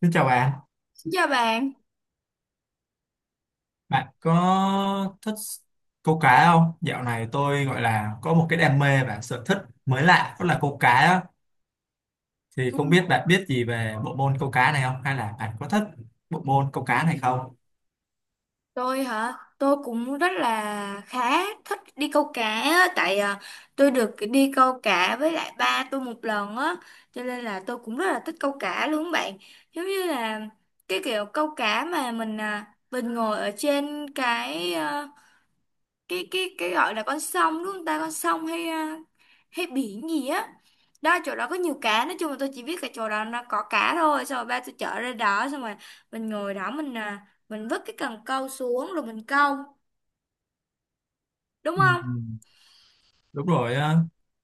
Xin chào bạn, Chào bạn. bạn có thích câu cá không? Dạo này tôi gọi là có một cái đam mê và sở thích mới lạ đó là câu cá á. Thì Ừ, không biết bạn biết gì về bộ môn câu cá này không? Hay là bạn có thích bộ môn câu cá này không? tôi hả? Tôi cũng rất là khá thích đi câu cá á, tôi được đi câu cá với lại ba tôi một lần á, cho nên là tôi cũng rất là thích câu cá luôn bạn. Giống như là cái kiểu câu cá mà mình ngồi ở trên cái gọi là con sông đúng không ta, con sông hay biển gì á, đó chỗ đó có nhiều cá, nói chung là tôi chỉ biết cái chỗ đó nó có cá thôi, xong rồi ba tôi chở ra đó, xong rồi mình ngồi đó, mình vứt cái cần câu xuống rồi mình câu, đúng Ừ, không? đúng rồi á.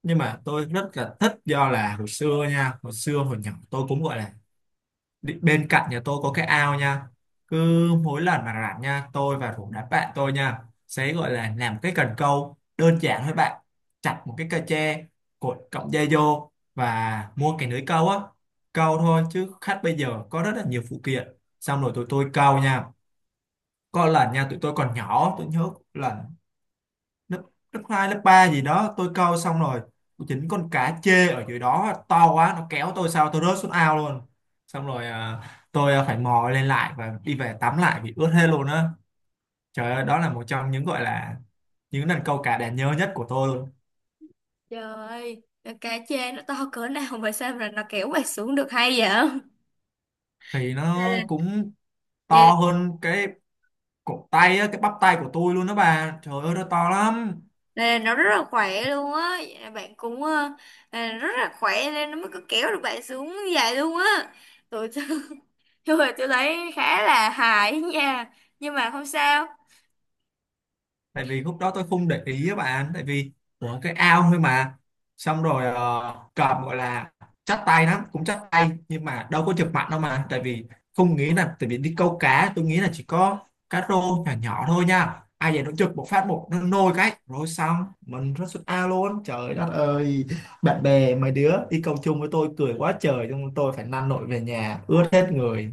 Nhưng mà tôi rất là thích, do là hồi xưa nha, hồi xưa hồi nhỏ tôi cũng gọi là bên cạnh nhà tôi có cái ao nha, cứ mỗi lần mà rảnh nha, tôi và rủ đám bạn tôi nha, sẽ gọi là làm cái cần câu đơn giản thôi bạn, chặt một cái cây tre, cột cọng dây vô và mua cái lưới câu á, câu thôi chứ khách bây giờ có rất là nhiều phụ kiện. Xong rồi tụi tôi câu nha, có lần nha tụi tôi còn nhỏ, tôi nhớ lần lớp lớp hai, lớp 3 gì đó, tôi câu xong rồi chính con cá chê ở dưới đó to quá, nó kéo tôi sao tôi rớt xuống ao luôn. Xong rồi tôi phải mò lên lại và đi về tắm lại vì ướt hết luôn á. Trời ơi, đó là một trong những gọi là những lần câu cá đáng nhớ nhất của tôi luôn. Trời ơi, cá chê nó to cỡ nào mà sao mà nó kéo bạn xuống được hay vậy? Thì đây nó là, cũng đây to hơn cái cổ tay á, cái bắp tay của tôi luôn đó bà, trời ơi nó to lắm. đây là nó rất là khỏe luôn á. Vậy là bạn cũng rất là khỏe nên nó mới có kéo được bạn xuống như vậy luôn á. tụi Thôi tôi thấy khá là hài ấy nha. Nhưng mà không sao. Tại vì lúc đó tôi không để ý các bạn, tại vì của cái ao thôi mà, xong rồi cầm gọi là chắc tay lắm, cũng chắc tay, nhưng mà đâu có chụp mặt đâu mà, tại vì không nghĩ là, tại vì đi câu cá tôi nghĩ là chỉ có cá rô nhỏ nhỏ thôi nha, ai vậy nó chụp một phát một nó nôi cái rồi xong mình rất xuống ao luôn, trời đất ơi. Bạn bè mấy đứa đi câu chung với tôi cười quá trời, nhưng tôi phải năn nổi về nhà ướt hết người.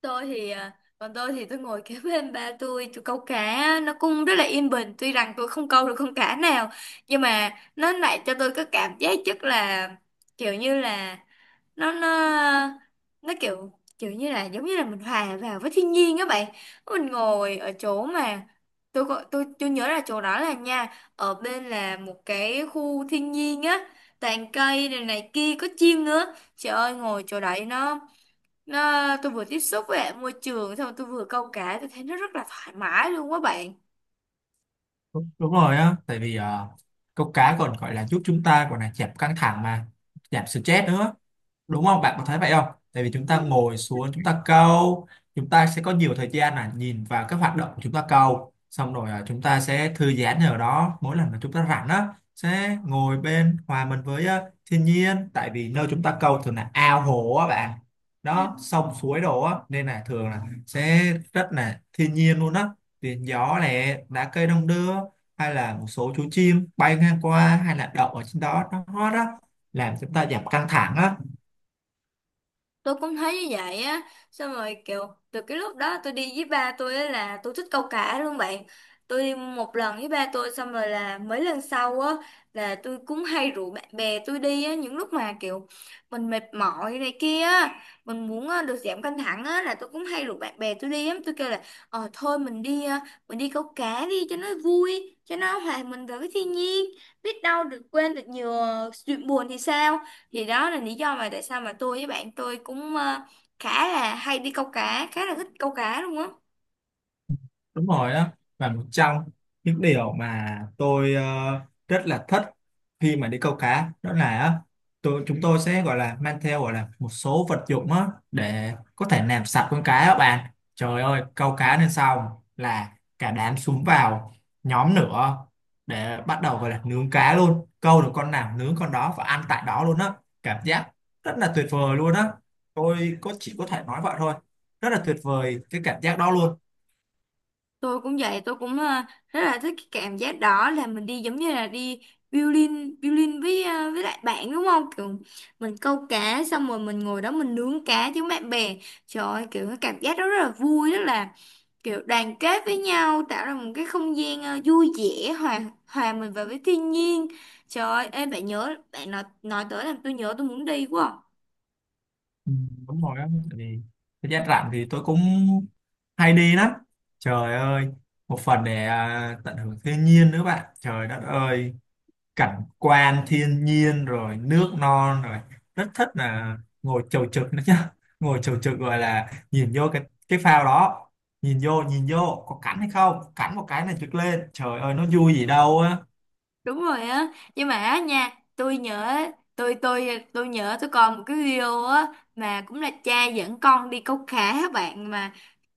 Còn tôi thì tôi ngồi kế bên ba tôi. Tôi câu cá nó cũng rất là yên bình, tuy rằng tôi không câu được con cá nào. Nhưng mà nó lại cho tôi cái cảm giác rất là, kiểu như là, nó nó nó kiểu giống như là mình hòa vào với thiên nhiên các bạn. Mình ngồi ở chỗ mà, tôi có- tôi nhớ là chỗ đó là nha, ở bên là một cái khu thiên nhiên á, toàn cây này này kia, có chim nữa. Trời ơi, ngồi chỗ đấy nó tôi vừa tiếp xúc với lại môi trường, xong tôi vừa câu cá, tôi thấy nó rất là thoải mái luôn quá bạn. Đúng, đúng rồi á, tại vì câu cá còn gọi là giúp chúng ta còn là giảm căng thẳng mà, giảm stress nữa, đúng không bạn có thấy vậy không? Tại vì chúng ta ngồi xuống chúng ta câu, chúng ta sẽ có nhiều thời gian là nhìn vào các hoạt động của chúng ta câu, xong rồi chúng ta sẽ thư giãn ở đó. Mỗi lần mà chúng ta rảnh á, sẽ ngồi bên hòa mình với thiên nhiên, tại vì nơi chúng ta câu thường là ao hồ á bạn, đó sông suối đồ á, nên là thường là sẽ rất là thiên nhiên luôn á. Tiếng gió này, lá cây đong đưa, hay là một số chú chim bay ngang qua hay là đậu ở trên đó nó hót á, làm chúng ta giảm căng thẳng á. Tôi cũng thấy như vậy á. Xong rồi kiểu từ cái lúc đó tôi đi với ba tôi á là tôi thích câu cá luôn bạn. Tôi đi một lần với ba tôi, xong rồi là mấy lần sau á là tôi cũng hay rủ bạn bè tôi đi á, những lúc mà kiểu mình mệt mỏi này kia á, được giảm căng thẳng á là tôi cũng hay rủ bạn bè tôi đi á. Tôi kêu là, ờ thôi mình đi câu cá đi cho nó vui, cho nó hòa mình vào với thiên nhiên, biết đâu được quên được nhiều chuyện buồn thì sao. Thì đó là lý do mà tại sao mà tôi với bạn tôi cũng khá là hay đi câu cá, khá là thích câu cá luôn á. Đúng rồi đó, và một trong những điều mà tôi rất là thích khi mà đi câu cá đó là á, tôi chúng tôi sẽ gọi là mang theo gọi là một số vật dụng á để có thể làm sạch con cá các bạn. Trời ơi, câu cá lên xong là cả đám xúm vào, nhóm nữa, để bắt đầu gọi là nướng cá luôn, câu được con nào nướng con đó và ăn tại đó luôn á. Cảm giác rất là tuyệt vời luôn á, tôi có chỉ có thể nói vậy thôi, rất là tuyệt vời cái cảm giác đó luôn. Tôi cũng vậy, tôi cũng rất là thích cái cảm giác đó, là mình đi giống như là đi violin violin với với lại bạn, đúng không? Kiểu mình câu cá xong rồi mình ngồi đó mình nướng cá với bạn bè. Trời ơi, kiểu cái cảm giác đó rất là vui, rất là kiểu đoàn kết với nhau, tạo ra một cái không gian vui vẻ, hòa hòa mình vào với thiên nhiên. Trời ơi ê, bạn nhớ bạn nói tới làm tôi nhớ, tôi muốn đi quá à. Ừ, đúng rồi á, tại vì thời gian rảnh thì tôi cũng hay đi lắm. Trời ơi, một phần để tận hưởng thiên nhiên nữa bạn, trời đất ơi, cảnh quan thiên nhiên rồi nước non rồi, rất thích là ngồi chầu trực nữa chứ ngồi chầu trực gọi là nhìn vô cái phao đó, nhìn vô có cắn hay không cắn một cái này trực lên, trời ơi nó vui gì đâu á. Đúng rồi á. Nhưng mà á nha, tôi nhớ tôi nhớ tôi còn một cái video á, mà cũng là cha dẫn con đi câu cá á bạn, mà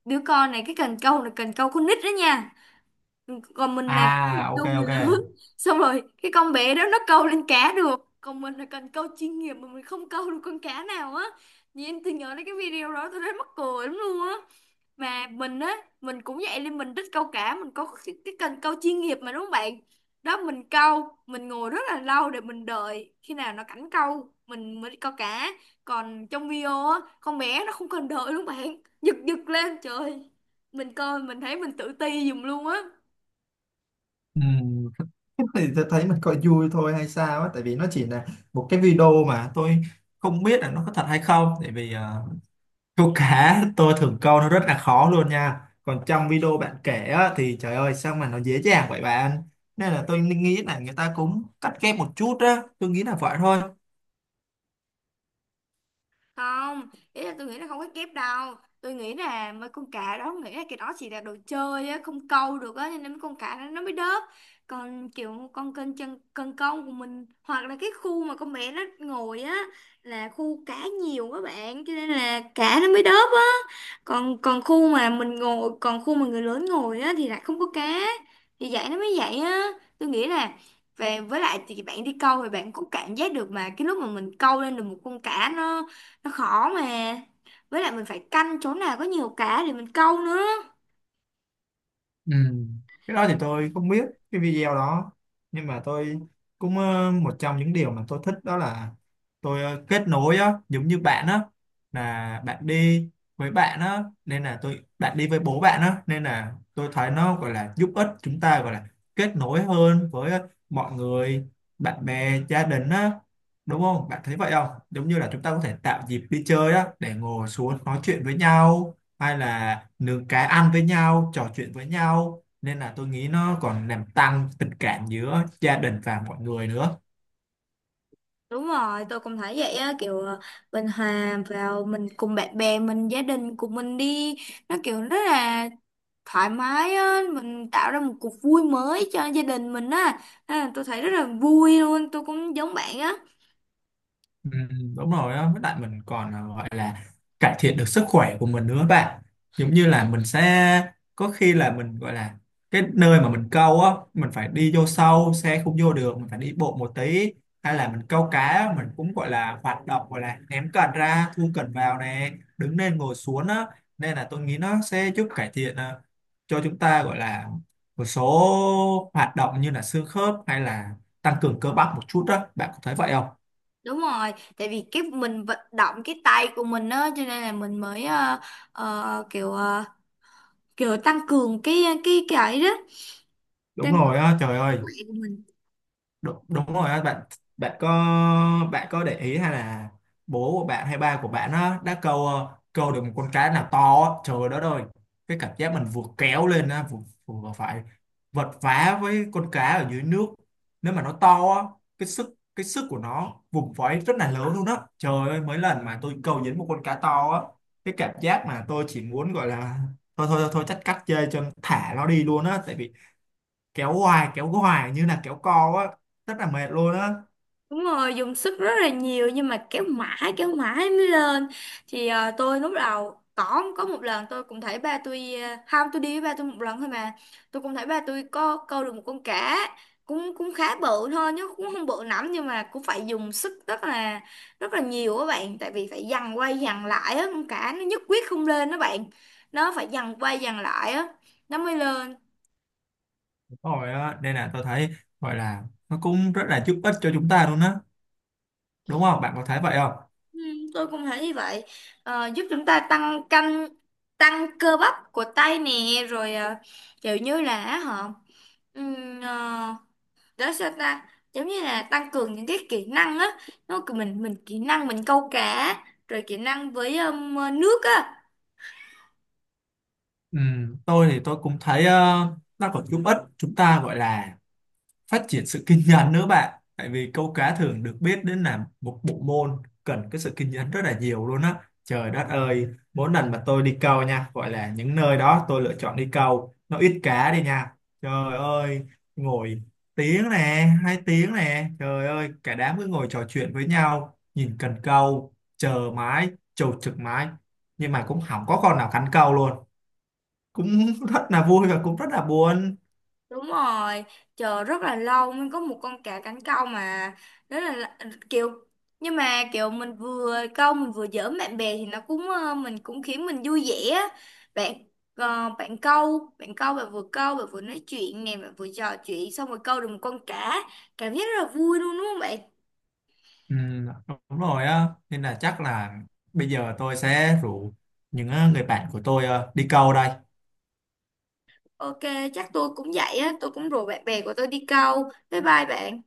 đứa con này cái cần câu là cần câu con nít đó nha, còn mình là À, ok câu người ok. lớn. Xong rồi cái con bé đó nó câu lên cá được, còn mình là cần câu chuyên nghiệp mà mình không câu được con cá nào á. Nhìn em, tôi nhớ đến cái video đó tôi rất mắc cười lắm luôn á. Mà mình á, mình cũng vậy nên mình thích câu cá, mình có cái cần câu chuyên nghiệp mà, đúng không bạn? Đó, mình câu mình ngồi rất là lâu để mình đợi khi nào nó cảnh câu mình mới đi câu cá, còn trong video á con bé nó không cần đợi luôn bạn. Giật giật lên trời, mình coi mình thấy mình tự ti giùm luôn á. Ừ. Thì tôi thấy mình coi vui thôi hay sao á, tại vì nó chỉ là một cái video mà tôi không biết là nó có thật hay không, tại vì câu cá tôi thường câu nó rất là khó luôn nha, còn trong video bạn kể á, thì trời ơi sao mà nó dễ dàng vậy bạn. Nên là tôi nghĩ là người ta cũng cắt ghép một chút á, tôi nghĩ là vậy thôi. Không, ý là tôi nghĩ là không có kép đâu. Tôi nghĩ là mấy con cá đó nghĩ là cái đó chỉ là đồ chơi á, không câu được á, cho nên mấy con cá đó nó mới đớp. Còn kiểu con kênh chân cần câu của mình, hoặc là cái khu mà con bé nó ngồi á là khu cá nhiều các bạn, cho nên là cá nó mới đớp á. Còn Còn khu mà mình ngồi, còn khu mà người lớn ngồi á thì lại không có cá, thì vậy nó mới vậy á. Tôi nghĩ là về với lại thì bạn đi câu thì bạn cũng cảm giác được mà, cái lúc mà mình câu lên được một con cá nó khó mà, với lại mình phải canh chỗ nào có nhiều cá để mình câu nữa. Ừ. Cái đó thì tôi không biết cái video đó, nhưng mà tôi cũng một trong những điều mà tôi thích đó là tôi kết nối á, giống như bạn á là bạn đi với bạn á, nên là tôi bạn đi với bố bạn á, nên là tôi thấy nó gọi là giúp ích chúng ta gọi là kết nối hơn với mọi người, bạn bè, gia đình á, đúng không bạn thấy vậy không? Giống như là chúng ta có thể tạo dịp đi chơi á để ngồi xuống nói chuyện với nhau, hay là nướng cái ăn với nhau, trò chuyện với nhau, nên là tôi nghĩ nó còn làm tăng tình cảm giữa gia đình và mọi người nữa. Đúng rồi, tôi cũng thấy vậy á. Kiểu mình hòa vào mình cùng bạn bè mình, gia đình của mình đi, nó kiểu rất là thoải mái á, mình tạo ra một cuộc vui mới cho gia đình mình á. Tôi thấy rất là vui luôn, tôi cũng giống bạn á. Đúng rồi đó, với lại mình còn gọi là cải thiện được sức khỏe của mình nữa bạn. Giống như là mình sẽ có khi là mình gọi là cái nơi mà mình câu á, mình phải đi vô sâu xe không vô được, mình phải đi bộ một tí, hay là mình câu cá á, mình cũng gọi là hoạt động gọi là ném cần ra thu cần vào nè, đứng lên ngồi xuống á, nên là tôi nghĩ nó sẽ giúp cải thiện cho chúng ta gọi là một số hoạt động như là xương khớp, hay là tăng cường cơ bắp một chút đó, bạn có thấy vậy không? Đúng rồi, tại vì cái mình vận động cái tay của mình á cho nên là mình mới ờ, kiểu ờ, kiểu tăng cường cái ấy đó, Đúng tăng cường rồi á, trời sức ơi. khỏe của mình. Đúng, đúng rồi á bạn. Bạn có bạn có để ý hay là bố của bạn hay ba của bạn á đã câu câu được một con cá nào to á, trời đất ơi, cái cảm giác mình vừa kéo lên á vừa, vừa phải vật vã với con cá ở dưới nước, nếu mà nó to á, cái sức của nó vùng vẫy rất là lớn luôn á. Trời ơi, mấy lần mà tôi câu dính một con cá to á, cái cảm giác mà tôi chỉ muốn gọi là thôi thôi thôi, thôi chắc cắt dây cho thả nó đi luôn á, tại vì kéo hoài như là kéo co á, rất là mệt luôn á. Đúng rồi, dùng sức rất là nhiều nhưng mà kéo mãi mới lên. Tôi lúc đầu có một lần tôi cũng thấy ba tôi không, tôi đi với ba tôi một lần thôi mà. Tôi cũng thấy ba tôi có câu được một con cá cũng cũng khá bự thôi, chứ cũng không bự lắm, nhưng mà cũng phải dùng sức rất là nhiều các bạn, tại vì phải giằng quay giằng lại á, con cá nó nhất quyết không lên đó bạn. Nó phải giằng quay giằng lại á nó mới lên. Đúng rồi á, nên là tôi thấy gọi là nó cũng rất là giúp ích cho chúng ta luôn á, đúng không bạn có thấy vậy không? Ừ, tôi cũng thấy như vậy. Giúp chúng ta tăng cơ bắp của tay nè, rồi ờ, kiểu như là họ, ừm, ờ, đó sao ta, giống như là tăng cường những cái kỹ năng á, nó cứ mình kỹ năng mình câu cá, rồi kỹ năng với nước á. Ừ, tôi thì tôi cũng thấy nó còn giúp ích chúng ta gọi là phát triển sự kiên nhẫn nữa bạn, tại vì câu cá thường được biết đến là một bộ môn cần cái sự kiên nhẫn rất là nhiều luôn á. Trời đất ơi, mỗi lần mà tôi đi câu nha, gọi là những nơi đó tôi lựa chọn đi câu nó ít cá đi nha, trời ơi, ngồi tiếng nè, hai tiếng nè, trời ơi cả đám cứ ngồi trò chuyện với nhau, nhìn cần câu chờ mãi, chầu trực mãi, nhưng mà cũng không có con nào cắn câu luôn, cũng rất là vui và cũng rất là buồn. Đúng rồi, chờ rất là lâu mới có một con cá cánh câu mà. Đó là- kiểu Nhưng mà kiểu mình vừa câu mình vừa giỡn bạn bè thì nó cũng mình cũng khiến mình vui vẻ á. bạn bạn bạn vừa câu bạn vừa nói chuyện nè, bạn vừa trò chuyện xong rồi câu được một con cá, cảm giác rất là vui luôn, đúng không bạn? Ừ, đúng rồi á, nên là chắc là bây giờ tôi sẽ rủ những người bạn của tôi đi câu đây. Ok, chắc tôi cũng vậy á, tôi cũng rủ bạn bè của tôi đi câu. Bye bye bạn.